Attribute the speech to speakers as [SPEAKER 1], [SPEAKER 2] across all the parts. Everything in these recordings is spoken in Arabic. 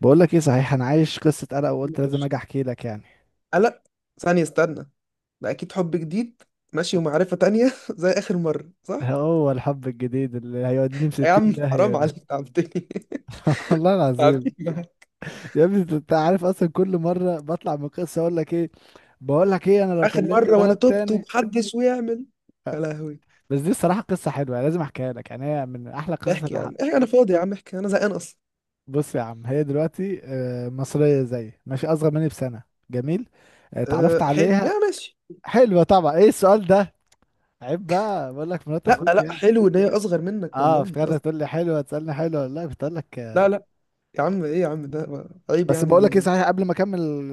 [SPEAKER 1] بقول لك ايه، صحيح انا عايش قصة قلق
[SPEAKER 2] قول
[SPEAKER 1] وقلت
[SPEAKER 2] يا
[SPEAKER 1] لازم
[SPEAKER 2] باشا.
[SPEAKER 1] اجي احكي لك يعني.
[SPEAKER 2] قلق؟ ثانية، استنى. ده أكيد حب جديد. ماشي، ومعرفة تانية زي آخر مرة، صح؟
[SPEAKER 1] هو الحب الجديد اللي هيوديني في
[SPEAKER 2] يا
[SPEAKER 1] 60
[SPEAKER 2] عم
[SPEAKER 1] داهية
[SPEAKER 2] حرام
[SPEAKER 1] ده
[SPEAKER 2] عليك، تعبتني
[SPEAKER 1] والله العظيم.
[SPEAKER 2] تعبتني.
[SPEAKER 1] يا ابني انت عارف اصلا، كل مرة بطلع من قصة اقول لك ايه. بقول لك ايه، انا لو
[SPEAKER 2] آخر
[SPEAKER 1] كلمت
[SPEAKER 2] مرة وأنا
[SPEAKER 1] بنات
[SPEAKER 2] تبت
[SPEAKER 1] تاني.
[SPEAKER 2] ومحدش ويعمل. يا لهوي.
[SPEAKER 1] بس دي الصراحة قصة حلوة يعني، لازم احكيها لك، يعني هي من احلى القصص
[SPEAKER 2] احكي
[SPEAKER 1] اللي
[SPEAKER 2] يا
[SPEAKER 1] حق.
[SPEAKER 2] عم احكي، أنا فاضي يا عم احكي، أنا زهقان أصلا.
[SPEAKER 1] بص يا عم، هي دلوقتي مصرية زي ماشي، اصغر مني بسنة. جميل. اتعرفت
[SPEAKER 2] أه حلو،
[SPEAKER 1] عليها.
[SPEAKER 2] يا ماشي.
[SPEAKER 1] حلوة طبعا، ايه السؤال ده؟ عيب بقى، بقول لك مرات
[SPEAKER 2] لا
[SPEAKER 1] اخوك
[SPEAKER 2] لا،
[SPEAKER 1] يعني.
[SPEAKER 2] حلو إن هي أصغر منك
[SPEAKER 1] اه
[SPEAKER 2] والله
[SPEAKER 1] افتكرت
[SPEAKER 2] أصلا.
[SPEAKER 1] هتقول لي حلوه، تسالني حلوه، لا كنت اقول لك.
[SPEAKER 2] لا لا، يا عم إيه يا عم، ده عيب
[SPEAKER 1] بس
[SPEAKER 2] يعني،
[SPEAKER 1] بقول
[SPEAKER 2] دي
[SPEAKER 1] لك ايه،
[SPEAKER 2] يعني.
[SPEAKER 1] صحيح قبل ما اكمل ال-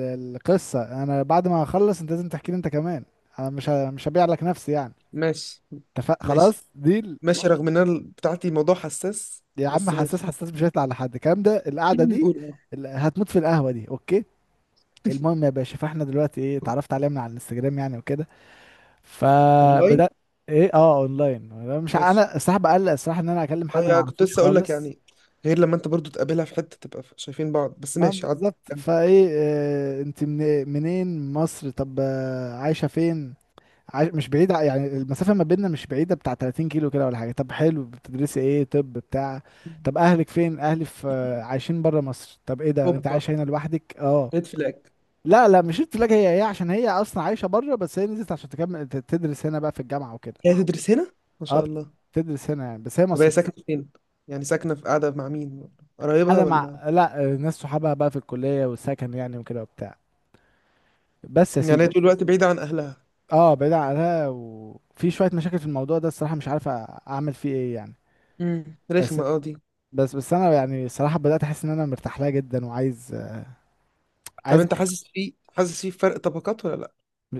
[SPEAKER 1] ال- القصه، انا بعد ما اخلص انت لازم تحكي لي انت كمان. انا مش هبيع لك نفسي يعني.
[SPEAKER 2] ماشي.
[SPEAKER 1] اتفق
[SPEAKER 2] ماشي.
[SPEAKER 1] خلاص ديل.
[SPEAKER 2] ماشي رغم إن أنا بتاعتي موضوع حساس.
[SPEAKER 1] يا عم
[SPEAKER 2] بس
[SPEAKER 1] حساس،
[SPEAKER 2] ماشي.
[SPEAKER 1] حساس مش هيطلع لحد، الكلام ده القعده دي.
[SPEAKER 2] قول.
[SPEAKER 1] هتموت في القهوه دي اوكي. المهم يا باشا، فاحنا دلوقتي ايه، اتعرفت عليها من على الانستجرام يعني وكده.
[SPEAKER 2] أونلاين.
[SPEAKER 1] فبدات. ايه اه اونلاين، أنا مش ع-
[SPEAKER 2] ماشي.
[SPEAKER 1] انا الصراحه بقلق الصراحه ان انا اكلم
[SPEAKER 2] اه
[SPEAKER 1] حد ما
[SPEAKER 2] يعني كنت
[SPEAKER 1] اعرفوش
[SPEAKER 2] لسه اقول لك
[SPEAKER 1] خالص.
[SPEAKER 2] يعني. غير لما انت برضو تقابلها في حته تبقى شايفين بعض، بس
[SPEAKER 1] ما
[SPEAKER 2] ماشي عدي
[SPEAKER 1] بالظبط،
[SPEAKER 2] كمل.
[SPEAKER 1] فايه آه انت من منين؟ مصر. طب عايشه فين؟ مش بعيدة يعني، المسافة ما بيننا مش بعيدة، بتاع 30 كيلو كده ولا حاجة. طب حلو، بتدرسي ايه؟ طب بتاع. طب اهلك فين؟ اهلي في، عايشين برا مصر. طب ايه ده انت
[SPEAKER 2] اوبا،
[SPEAKER 1] عايش هنا لوحدك؟ اه.
[SPEAKER 2] ريد فلاج.
[SPEAKER 1] لا لا، مش قلت لك هي عشان هي اصلا عايشة برا، بس هي نزلت عشان تكمل تدرس هنا بقى في الجامعة وكده.
[SPEAKER 2] هي تدرس هنا؟ ما
[SPEAKER 1] اه
[SPEAKER 2] شاء الله.
[SPEAKER 1] بتدرس هنا يعني، بس هي
[SPEAKER 2] طب هي
[SPEAKER 1] مصرية.
[SPEAKER 2] ساكنه فين؟ يعني ساكنه في، قاعده مع مين؟ قرايبها
[SPEAKER 1] حاجة مع،
[SPEAKER 2] ولا؟
[SPEAKER 1] لا ناس صحابها بقى في الكلية والسكن يعني وكده وبتاع. بس يا
[SPEAKER 2] يعني
[SPEAKER 1] سيدي.
[SPEAKER 2] هي طول الوقت بعيده عن اهلها؟
[SPEAKER 1] اه بعيد عنها، وفي شوية مشاكل في الموضوع ده الصراحة، مش عارف اعمل فيه ايه يعني. بس
[SPEAKER 2] رخمه اه دي.
[SPEAKER 1] بس انا يعني الصراحه بدات احس ان انا مرتاح لها جدا وعايز.
[SPEAKER 2] طب
[SPEAKER 1] عايز.
[SPEAKER 2] انت حاسس في، حاسس في فرق طبقات ولا لا؟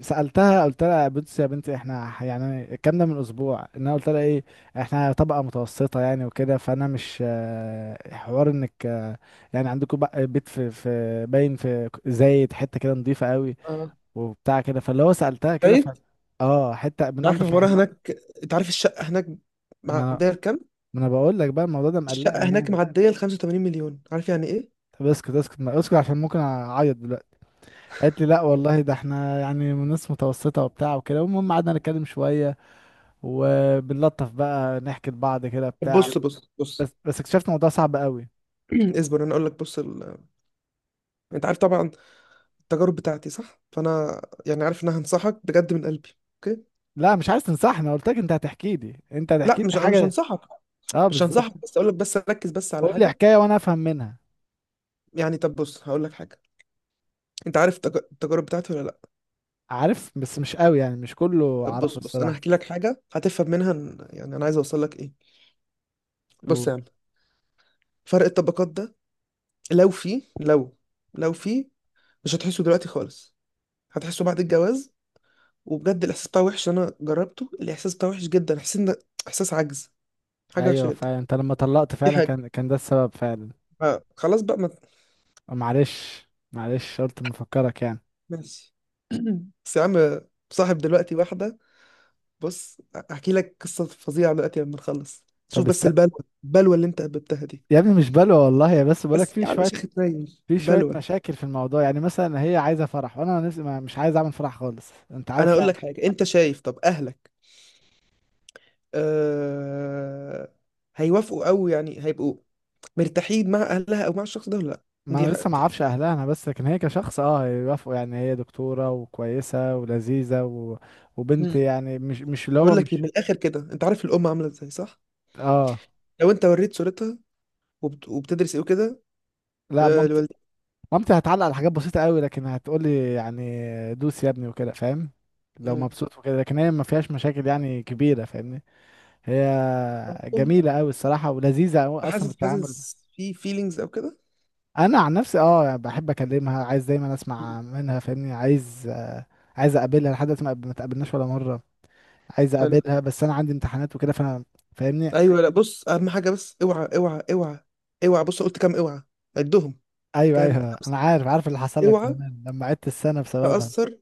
[SPEAKER 1] سالتها قلت لها، بصي يا بنتي احنا يعني الكلام ده من اسبوع، ان انا قلت لها ايه، احنا طبقه متوسطه يعني وكده، فانا مش حوار انك يعني عندكم بقى بيت في باين، في زايد حته كده نظيفه قوي
[SPEAKER 2] اه.
[SPEAKER 1] وبتاع كده، فاللي هو سالتها كده ف،
[SPEAKER 2] طيب.
[SPEAKER 1] اه حته
[SPEAKER 2] انت
[SPEAKER 1] من
[SPEAKER 2] عارف
[SPEAKER 1] انضف
[SPEAKER 2] العماره
[SPEAKER 1] الحته.
[SPEAKER 2] هناك؟ انت عارف الشقه هناك
[SPEAKER 1] ما
[SPEAKER 2] معديه لكام؟
[SPEAKER 1] ما انا بقول لك بقى الموضوع ده
[SPEAKER 2] الشقه
[SPEAKER 1] مقلقني
[SPEAKER 2] هناك
[SPEAKER 1] يعني.
[SPEAKER 2] معديه ل 85 مليون، عارف يعني ايه.
[SPEAKER 1] طب اسكت اسكت، ما اسكت عشان ممكن اعيط دلوقتي. قالت لي لا والله، ده احنا يعني من ناس متوسطة وبتاع وكده. المهم قعدنا نتكلم شوية، وبنلطف بقى نحكي لبعض كده
[SPEAKER 2] طب
[SPEAKER 1] بتاع.
[SPEAKER 2] بص بص بص.
[SPEAKER 1] بس اكتشفت الموضوع صعب قوي.
[SPEAKER 2] اصبر انا اقول لك، بص. انت عارف طبعا التجارب بتاعتي صح، فانا يعني عارف ان انا هنصحك بجد من قلبي. اوكي.
[SPEAKER 1] لا مش عايز تنصحني، قلت لك انت هتحكي لي، انت
[SPEAKER 2] لا
[SPEAKER 1] هتحكي
[SPEAKER 2] مش
[SPEAKER 1] لي
[SPEAKER 2] انا مش
[SPEAKER 1] حاجة.
[SPEAKER 2] هنصحك.
[SPEAKER 1] اه
[SPEAKER 2] مش
[SPEAKER 1] بالظبط.
[SPEAKER 2] هنصحك، بس اقول لك، بس ركز بس على
[SPEAKER 1] قول لي
[SPEAKER 2] حاجه.
[SPEAKER 1] حكاية وانا افهم منها.
[SPEAKER 2] يعني طب بص، هقول لك حاجه. انت عارف التجارب بتاعتي ولا لا؟
[SPEAKER 1] عارف بس مش قوي يعني، مش كله
[SPEAKER 2] طب بص
[SPEAKER 1] عارفه
[SPEAKER 2] بص انا
[SPEAKER 1] الصراحة.
[SPEAKER 2] هحكي لك حاجه هتفهم منها يعني انا عايز اوصل لك ايه. بص يا
[SPEAKER 1] و-
[SPEAKER 2] عم، فرق الطبقات ده، لو في لو لو في، مش هتحسه دلوقتي خالص. هتحسه بعد الجواز. وبجد الاحساس بتاعه وحش، انا جربته. الاحساس بتاعه وحش جدا. احساس احساس عجز، حاجه وحشه
[SPEAKER 1] ايوه
[SPEAKER 2] جدا.
[SPEAKER 1] فعلا، انت لما طلقت
[SPEAKER 2] دي
[SPEAKER 1] فعلا
[SPEAKER 2] حاجه.
[SPEAKER 1] كان ده السبب فعلا.
[SPEAKER 2] خلاص بقى ما.
[SPEAKER 1] معلش معلش، قلت مفكرك يعني.
[SPEAKER 2] ماشي. بس يا عم، صاحب دلوقتي واحدة. بص احكي لك قصة فظيعة دلوقتي لما نخلص. شوف
[SPEAKER 1] طب است...
[SPEAKER 2] بس البلوة، البلوة اللي انت قبلتها دي.
[SPEAKER 1] يا ابني مش بلوى والله يا، بس بقولك
[SPEAKER 2] بس
[SPEAKER 1] في
[SPEAKER 2] يا عم
[SPEAKER 1] شوية،
[SPEAKER 2] شيخ اتنين.
[SPEAKER 1] في شوية
[SPEAKER 2] بلوة.
[SPEAKER 1] مشاكل في الموضوع يعني. مثلا هي عايزة فرح، وانا نفسي مش عايز اعمل فرح خالص، انت
[SPEAKER 2] انا
[SPEAKER 1] عارف
[SPEAKER 2] هقول
[SPEAKER 1] يعني.
[SPEAKER 2] لك حاجة، انت شايف طب اهلك أه... هيوافقوا او يعني هيبقوا مرتاحين مع اهلها او مع الشخص ده ولا لا؟
[SPEAKER 1] ما
[SPEAKER 2] دي
[SPEAKER 1] انا
[SPEAKER 2] حاجة
[SPEAKER 1] لسه ما
[SPEAKER 2] دي.
[SPEAKER 1] اعرفش اهلها انا، بس لكن هي كشخص اه يوافقوا يعني، هي دكتورة وكويسة ولذيذة و، وبنت
[SPEAKER 2] مم.
[SPEAKER 1] يعني، مش اللي هو
[SPEAKER 2] اقول لك إيه،
[SPEAKER 1] مش،
[SPEAKER 2] من الاخر كده، انت عارف الام عاملة ازاي صح؟
[SPEAKER 1] اه
[SPEAKER 2] لو انت وريت صورتها وبتدرس ايه وكده
[SPEAKER 1] لا
[SPEAKER 2] أه...
[SPEAKER 1] مامتي، مامتي هتعلق على حاجات بسيطة قوي، لكن هتقولي يعني دوس يا ابني وكده، فاهم؟ لو
[SPEAKER 2] لوالدتك.
[SPEAKER 1] مبسوط وكده، لكن هي ما فيهاش مشاكل يعني كبيرة، فاهمني. هي جميلة قوي الصراحة، ولذيذة قوي اصلا في
[SPEAKER 2] حاسس،
[SPEAKER 1] التعامل.
[SPEAKER 2] حاسس في فيلينجز او كده؟
[SPEAKER 1] انا عن نفسي اه بحب اكلمها، عايز دايما
[SPEAKER 2] مم.
[SPEAKER 1] اسمع منها، فاهمني؟ عايز عايز اقابلها، لحد دلوقتي ما اتقابلناش ولا مره. عايز
[SPEAKER 2] حلو.
[SPEAKER 1] اقابلها، بس انا عندي امتحانات وكده فانا، فاهمني؟
[SPEAKER 2] ايوه. لا بص، اهم حاجه بس اوعى اوعى اوعى. اوعى. بص قلت كام اوعى؟ عدهم.
[SPEAKER 1] ايوه ايوه،
[SPEAKER 2] كام؟ خمسة.
[SPEAKER 1] انا عارف، عارف اللي حصل لك
[SPEAKER 2] اوعى
[SPEAKER 1] زمان لما عدت السنه بسببها.
[SPEAKER 2] تاثر.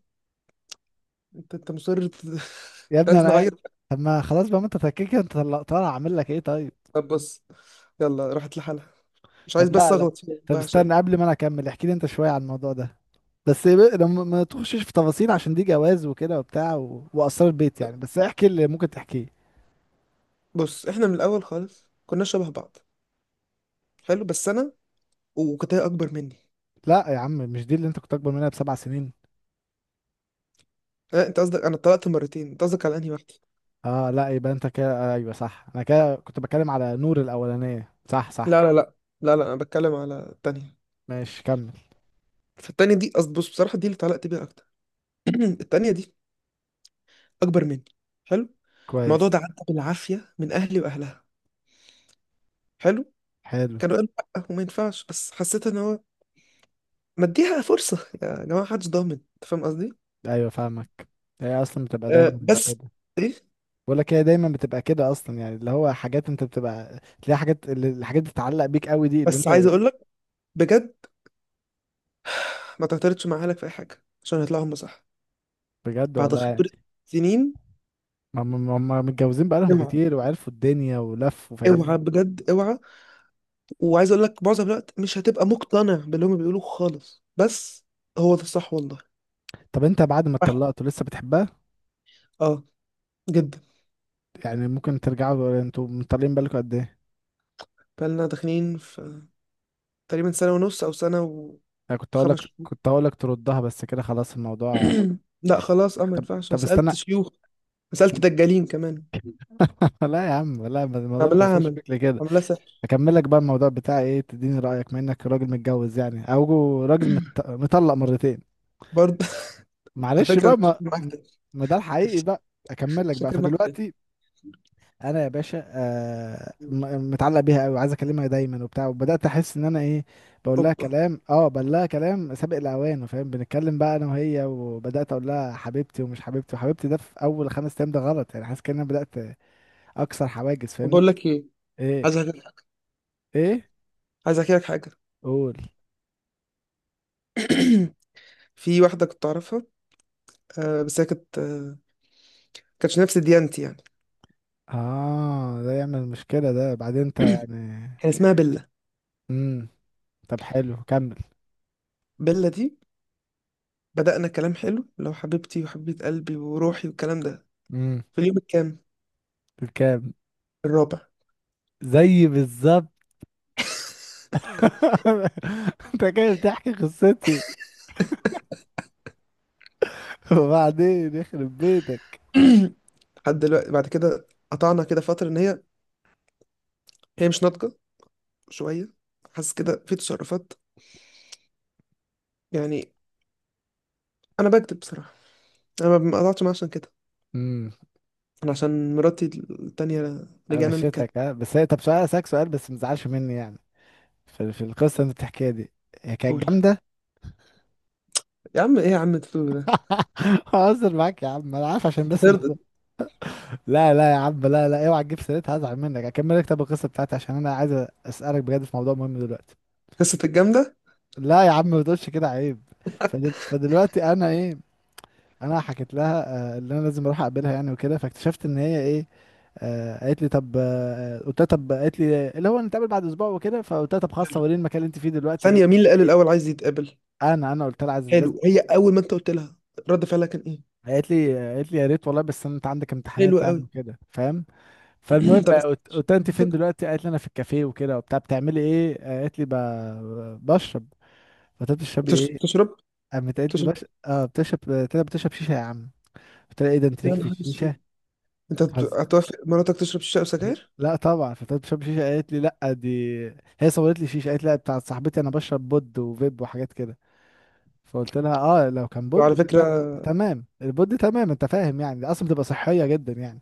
[SPEAKER 2] انت مصر
[SPEAKER 1] يا
[SPEAKER 2] انت
[SPEAKER 1] ابني
[SPEAKER 2] عايز
[SPEAKER 1] انا،
[SPEAKER 2] نعيط؟
[SPEAKER 1] طب ما خلاص بقى، ما انت تكيك، انت طالع اعمل لك ايه طيب.
[SPEAKER 2] طب بص، يلا راحت لحالها. مش عايز
[SPEAKER 1] طب
[SPEAKER 2] بس
[SPEAKER 1] لا لا،
[SPEAKER 2] اغلط فيها
[SPEAKER 1] طب
[SPEAKER 2] والله عشان.
[SPEAKER 1] استنى قبل ما انا اكمل، احكي لي انت شويه عن الموضوع ده. لما ما تخشش في تفاصيل، عشان دي جواز وكده وبتاع و، واسرار بيت يعني، بس احكي اللي ممكن تحكيه.
[SPEAKER 2] بص احنا من الاول خالص كنا شبه بعض، حلو، بس انا وكنت هي اكبر مني.
[SPEAKER 1] لا يا عم، مش دي اللي انت كنت اكبر منها بـ7 سنين؟
[SPEAKER 2] لا انت قصدك؟ انا اتطلقت مرتين، انت قصدك على انهي واحده؟
[SPEAKER 1] اه لا، يبقى انت كده ايوه صح، انا كده كنت بتكلم على نور الاولانيه، صح صح.
[SPEAKER 2] لا لا لا لا لا، انا بتكلم على التانية.
[SPEAKER 1] ماشي كمل.
[SPEAKER 2] فالتانية دي بص بصراحه دي اللي اتعلقت بيها اكتر. التانية دي أكبر مني. حلو. الموضوع
[SPEAKER 1] كويس.
[SPEAKER 2] ده عدى بالعافية من أهلي وأهلها. حلو.
[SPEAKER 1] حلو.
[SPEAKER 2] كانوا قالوا لأ وما ينفعش، بس حسيت إن هو مديها فرصة يا جماعة، محدش ضامن، أنت فاهم قصدي؟
[SPEAKER 1] ايوه فاهمك. هي اصلا بتبقى
[SPEAKER 2] أه
[SPEAKER 1] دايما
[SPEAKER 2] بس.
[SPEAKER 1] كده.
[SPEAKER 2] إيه؟
[SPEAKER 1] بقول لك هي دايما بتبقى كده اصلا يعني، اللي هو حاجات، انت بتبقى تلاقي حاجات الحاجات اللي بتتعلق بيك قوي، دي اللي
[SPEAKER 2] بس عايز
[SPEAKER 1] انت.
[SPEAKER 2] أقول لك بجد ما تعترضش مع أهلك في أي حاجة عشان هيطلعوا هم صح.
[SPEAKER 1] بجد
[SPEAKER 2] بعد
[SPEAKER 1] والله يعني،
[SPEAKER 2] خبرة سنين.
[SPEAKER 1] هم متجوزين بقالهم
[SPEAKER 2] اوعى.
[SPEAKER 1] كتير، وعرفوا الدنيا ولفوا،
[SPEAKER 2] اوعى
[SPEAKER 1] فاهمني.
[SPEAKER 2] بجد اوعى. وعايز أقول لك معظم الوقت مش هتبقى مقتنع باللي هم بيقولوه خالص، بس هو ده الصح والله.
[SPEAKER 1] طب انت بعد ما
[SPEAKER 2] واحد.
[SPEAKER 1] اتطلقتوا لسه بتحبها؟
[SPEAKER 2] اه. جدا.
[SPEAKER 1] يعني ممكن ترجعوا؟ انتوا مطلقين بالكم قد ايه؟
[SPEAKER 2] فاحنا داخلين في تقريبا سنة ونص أو سنة
[SPEAKER 1] انا كنت هقول
[SPEAKER 2] وخمس
[SPEAKER 1] لك،
[SPEAKER 2] شهور.
[SPEAKER 1] كنت هقول لك تردها، بس كده خلاص الموضوع.
[SPEAKER 2] لا خلاص أه، ما
[SPEAKER 1] طب
[SPEAKER 2] ينفعش. أنا
[SPEAKER 1] طب استنى،
[SPEAKER 2] سألت شيوخ. أنا سألت دجالين كمان.
[SPEAKER 1] لا يا عم لا، الموضوع ما
[SPEAKER 2] أعمل لها
[SPEAKER 1] بيوصلش
[SPEAKER 2] عمل،
[SPEAKER 1] بيك لكده.
[SPEAKER 2] أعمل لها سحر.
[SPEAKER 1] اكمل لك بقى الموضوع بتاعي ايه، تديني رايك بما انك راجل متجوز يعني، او راجل مطلق مرتين.
[SPEAKER 2] برضه على
[SPEAKER 1] معلش
[SPEAKER 2] فكرة أنا
[SPEAKER 1] بقى
[SPEAKER 2] شاكر
[SPEAKER 1] ما،
[SPEAKER 2] معاك تاني.
[SPEAKER 1] ما ده الحقيقي بقى. اكمل لك بقى،
[SPEAKER 2] شاكر معاك تاني.
[SPEAKER 1] فدلوقتي انا يا باشا آه، متعلق بيها قوي، وعايز اكلمها دايما وبتاع، وبدات احس ان انا ايه، بقول لها
[SPEAKER 2] أوبا.
[SPEAKER 1] كلام، اه بقول لها كلام سابق الاوان، فاهم؟ بنتكلم بقى انا وهي، وبدات اقول لها حبيبتي ومش حبيبتي وحبيبتي، ده في اول 5 ايام، ده غلط يعني، حاسس كأن انا بدات اكسر حواجز،
[SPEAKER 2] طب
[SPEAKER 1] فاهمني؟
[SPEAKER 2] بقول لك إيه،
[SPEAKER 1] ايه؟
[SPEAKER 2] عايز أحكي لك حاجة.
[SPEAKER 1] ايه؟
[SPEAKER 2] عايز أحكي لك حاجة.
[SPEAKER 1] قول.
[SPEAKER 2] في واحدة كنت أعرفها، آه بس هي كانت آه، كانتش نفس ديانتي يعني.
[SPEAKER 1] اه ده يعمل مشكله ده بعدين انت يعني.
[SPEAKER 2] كان اسمها بيلا.
[SPEAKER 1] امم. طب حلو كمل.
[SPEAKER 2] بيلا دي بدأنا كلام حلو، لو حبيبتي وحبيبة قلبي وروحي والكلام ده.
[SPEAKER 1] امم.
[SPEAKER 2] في اليوم الكام؟
[SPEAKER 1] كام.
[SPEAKER 2] الرابع.
[SPEAKER 1] زي بالظبط. انت كده بتحكي قصتي. وبعدين يخرب بيتك.
[SPEAKER 2] لحد دلوقتي، بعد كده قطعنا كده فترة ان هي مش ناضجة شوية، حاسس كده في تصرفات، يعني. انا بكتب بصراحة. انا ما قطعتش معاها عشان كده.
[SPEAKER 1] امم.
[SPEAKER 2] انا عشان مراتي التانية رجعنا نتكلم.
[SPEAKER 1] قفشتك ها، بس هي، طب سؤال، اسالك سؤال بس ما تزعلش مني يعني، في القصه اللي انت بتحكيها دي، هي كانت
[SPEAKER 2] قول.
[SPEAKER 1] جامده؟
[SPEAKER 2] يا عم ايه يا عم تقول ده؟
[SPEAKER 1] هزر معاك يا عم، انا عارف، عشان
[SPEAKER 2] انت
[SPEAKER 1] بس الموضوع.
[SPEAKER 2] ترضى؟
[SPEAKER 1] لا لا يا عم، لا لا، اوعى تجيب سيرتها هزعل منك. اكمل لك طب القصه بتاعتي، عشان انا عايز اسالك بجد في موضوع مهم دلوقتي.
[SPEAKER 2] قصة الجامدة.
[SPEAKER 1] لا يا عم ما تقولش كده، عيب. فدلوقتي انا ايه، انا حكيت لها اللي انا لازم اروح اقابلها يعني وكده، فاكتشفت ان هي ايه، قالت لي طب، قلت لها طب، قالت لي اللي هو نتقابل بعد اسبوع وكده، فقلت لها طب خلاص،
[SPEAKER 2] حلو.
[SPEAKER 1] وريني المكان اللي انت فيه دلوقتي ايه.
[SPEAKER 2] ثانية، مين اللي قال الاول عايز يتقابل؟
[SPEAKER 1] انا قلت لها عايز، لازم.
[SPEAKER 2] حلو. هي اول ما انت قلت لها رد فعلها كان ايه؟
[SPEAKER 1] قالت لي، قالت لي يا ريت والله، بس انت عندك
[SPEAKER 2] حلو
[SPEAKER 1] امتحانات يعني
[SPEAKER 2] قوي.
[SPEAKER 1] وكده، فاهم. فالمهم
[SPEAKER 2] طب
[SPEAKER 1] قلت لها انت فين
[SPEAKER 2] استك-
[SPEAKER 1] دلوقتي، قالت لي انا في الكافيه وكده وبتاع. بتعملي ايه؟ قالت لي بشرب. قلت لها بتشربي ايه؟
[SPEAKER 2] تشرب.
[SPEAKER 1] قامت قالت لي
[SPEAKER 2] تشرب؟
[SPEAKER 1] اه بتشرب. قلت لها بتشرب شيشه يا عم؟ قلت لها ايه ده، انت ليك
[SPEAKER 2] يا
[SPEAKER 1] في
[SPEAKER 2] نهار
[SPEAKER 1] الشيشه؟
[SPEAKER 2] اسود. انت هتوافق مراتك تشرب شيشه وسجاير؟
[SPEAKER 1] لا طبعا فتاة بشرب شيشة، قالت لي لا دي، هي صورت لي شيشة، قالت لي لا بتاعت صاحبتي، انا بشرب بود وفيب وحاجات كده. فقلت لها اه لو كان
[SPEAKER 2] وعلى
[SPEAKER 1] بود
[SPEAKER 2] فكرة،
[SPEAKER 1] فتمام، البود تمام انت فاهم يعني، دي اصلا بتبقى صحية جدا يعني.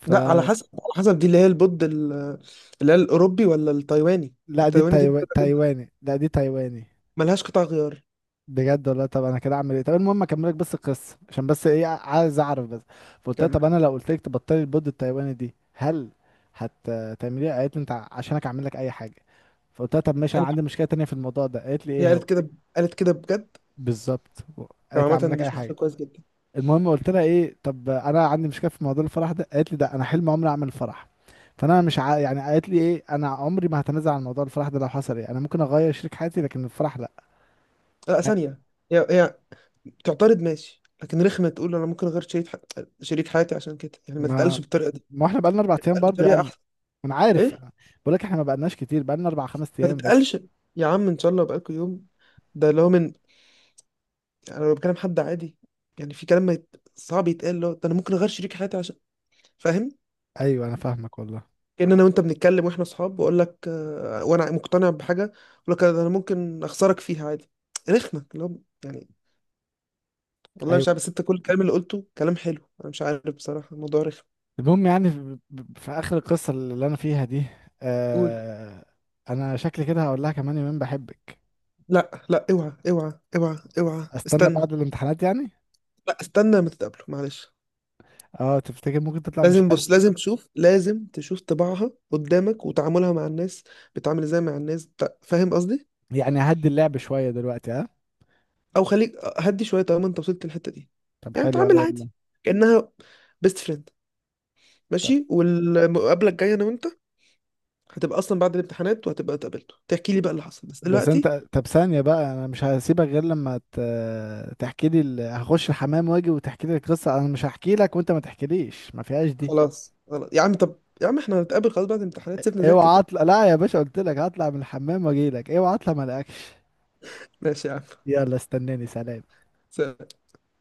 [SPEAKER 1] ف،
[SPEAKER 2] لا على حسب، على حسب دي اللي هي البود اللي هي الأوروبي ولا التايواني.
[SPEAKER 1] لا دي
[SPEAKER 2] التايواني دي مضرة جدا،
[SPEAKER 1] تايواني، لا دي تايواني.
[SPEAKER 2] ملهاش قطع غيار.
[SPEAKER 1] بجد والله، طب انا كده اعمل ايه؟ طب المهم اكملك بس القصة، عشان بس ايه عايز اعرف بس. فقلت لها
[SPEAKER 2] كامل.
[SPEAKER 1] طب انا لو قلت لك تبطلي البود التايواني دي، هل هتعمليها؟ قالت لي انت عشانك اعمل لك اي حاجة. فقلت لها طب ماشي، انا
[SPEAKER 2] ثانية
[SPEAKER 1] عندي
[SPEAKER 2] واحدة.
[SPEAKER 1] مشكله تانية في الموضوع ده، قالت لي
[SPEAKER 2] هي
[SPEAKER 1] ايه هو؟
[SPEAKER 2] قالت كده؟ قالت كده بجد؟
[SPEAKER 1] بالظبط.
[SPEAKER 2] هو
[SPEAKER 1] قالت لي اعمل
[SPEAKER 2] عامة
[SPEAKER 1] لك
[SPEAKER 2] دي
[SPEAKER 1] اي
[SPEAKER 2] شخص
[SPEAKER 1] حاجه.
[SPEAKER 2] كويس جدا.
[SPEAKER 1] المهم قلت لها ايه، طب انا عندي مشكله في موضوع الفرح ده، قالت لي ده انا حلم عمري اعمل فرح، فانا مش ع، يعني قالت لي ايه، انا عمري ما هتنازل عن موضوع الفرح ده، لو حصل ايه، انا ممكن اغير شريك حياتي، لكن الفرح لا.
[SPEAKER 2] لا ثانية، هي تعترض ماشي، لكن رخمة تقول أنا ممكن أغير شريك ح... شريك حياتي عشان كده. يعني ما تتقالش
[SPEAKER 1] ما
[SPEAKER 2] بالطريقة دي.
[SPEAKER 1] ما احنا بقالنا 4 ايام
[SPEAKER 2] تتقال
[SPEAKER 1] برضه
[SPEAKER 2] بطريقة
[SPEAKER 1] يعني.
[SPEAKER 2] أحسن.
[SPEAKER 1] انا عارف.
[SPEAKER 2] إيه.
[SPEAKER 1] بقول لك احنا ما بقالناش كتير، بقالنا اربع خمس
[SPEAKER 2] ما
[SPEAKER 1] ايام بس.
[SPEAKER 2] تتقالش. يا عم إن شاء الله بقالكوا يوم. ده اللي هو من، أنا لو بكلم حد عادي يعني، في كلام ما يت... صعب يتقال، اللي هو ده، أنا ممكن أغير شريك حياتي عشان. فاهم؟
[SPEAKER 1] ايوه انا فاهمك والله.
[SPEAKER 2] كأن انا وانت بنتكلم واحنا اصحاب واقول لك وانا مقتنع بحاجه اقول لك انا ممكن اخسرك فيها عادي. رخمه اللي هو، يعني والله مش
[SPEAKER 1] ايوه.
[SPEAKER 2] عارف. بس انت كل الكلام اللي قلته كلام حلو، انا مش عارف بصراحه الموضوع رخم.
[SPEAKER 1] المهم يعني في اخر القصه اللي انا فيها دي،
[SPEAKER 2] قول.
[SPEAKER 1] آه، انا شكلي كده هقول لها كمان يومين بحبك.
[SPEAKER 2] لا لا، اوعى اوعى اوعى اوعى،
[SPEAKER 1] استنى
[SPEAKER 2] استنى.
[SPEAKER 1] بعد الامتحانات يعني.
[SPEAKER 2] لا استنى، ما تتقابلوا معلش.
[SPEAKER 1] اه تفتكر ممكن تطلع مش
[SPEAKER 2] لازم،
[SPEAKER 1] حلو؟
[SPEAKER 2] بص لازم تشوف، لازم تشوف طباعها قدامك، وتعاملها مع الناس. بتعامل ازاي مع الناس فاهم قصدي؟
[SPEAKER 1] يعني هدي اللعب شوية دلوقتي ها.
[SPEAKER 2] او خليك هدي شويه طالما انت وصلت للحته دي.
[SPEAKER 1] طب
[SPEAKER 2] يعني
[SPEAKER 1] حلو أوي
[SPEAKER 2] تعامل
[SPEAKER 1] والله.
[SPEAKER 2] عادي كانها بيست فريند.
[SPEAKER 1] طب
[SPEAKER 2] ماشي، والمقابله الجايه انا وانت هتبقى اصلا بعد الامتحانات، وهتبقى اتقابلتوا تحكي لي بقى اللي حصل. بس
[SPEAKER 1] بس انت،
[SPEAKER 2] دلوقتي
[SPEAKER 1] طب ثانية بقى، انا مش هسيبك غير لما تحكي لي هخش الحمام واجي وتحكي لي القصة، انا مش هحكي لك وانت ما تحكيليش، ما فيهاش دي.
[SPEAKER 2] خلاص خلاص يا عم، طب يا عم احنا هنتقابل خلاص بعد الامتحانات، سيبنا نذاكر
[SPEAKER 1] اوعى
[SPEAKER 2] بقى.
[SPEAKER 1] اطلع، لا يا باشا، قلت لك هطلع من الحمام واجي لك، اوعى اطلع ما الاقيكش.
[SPEAKER 2] ماشي يا عم.
[SPEAKER 1] يلا استناني، سلام.
[SPEAKER 2] سلام.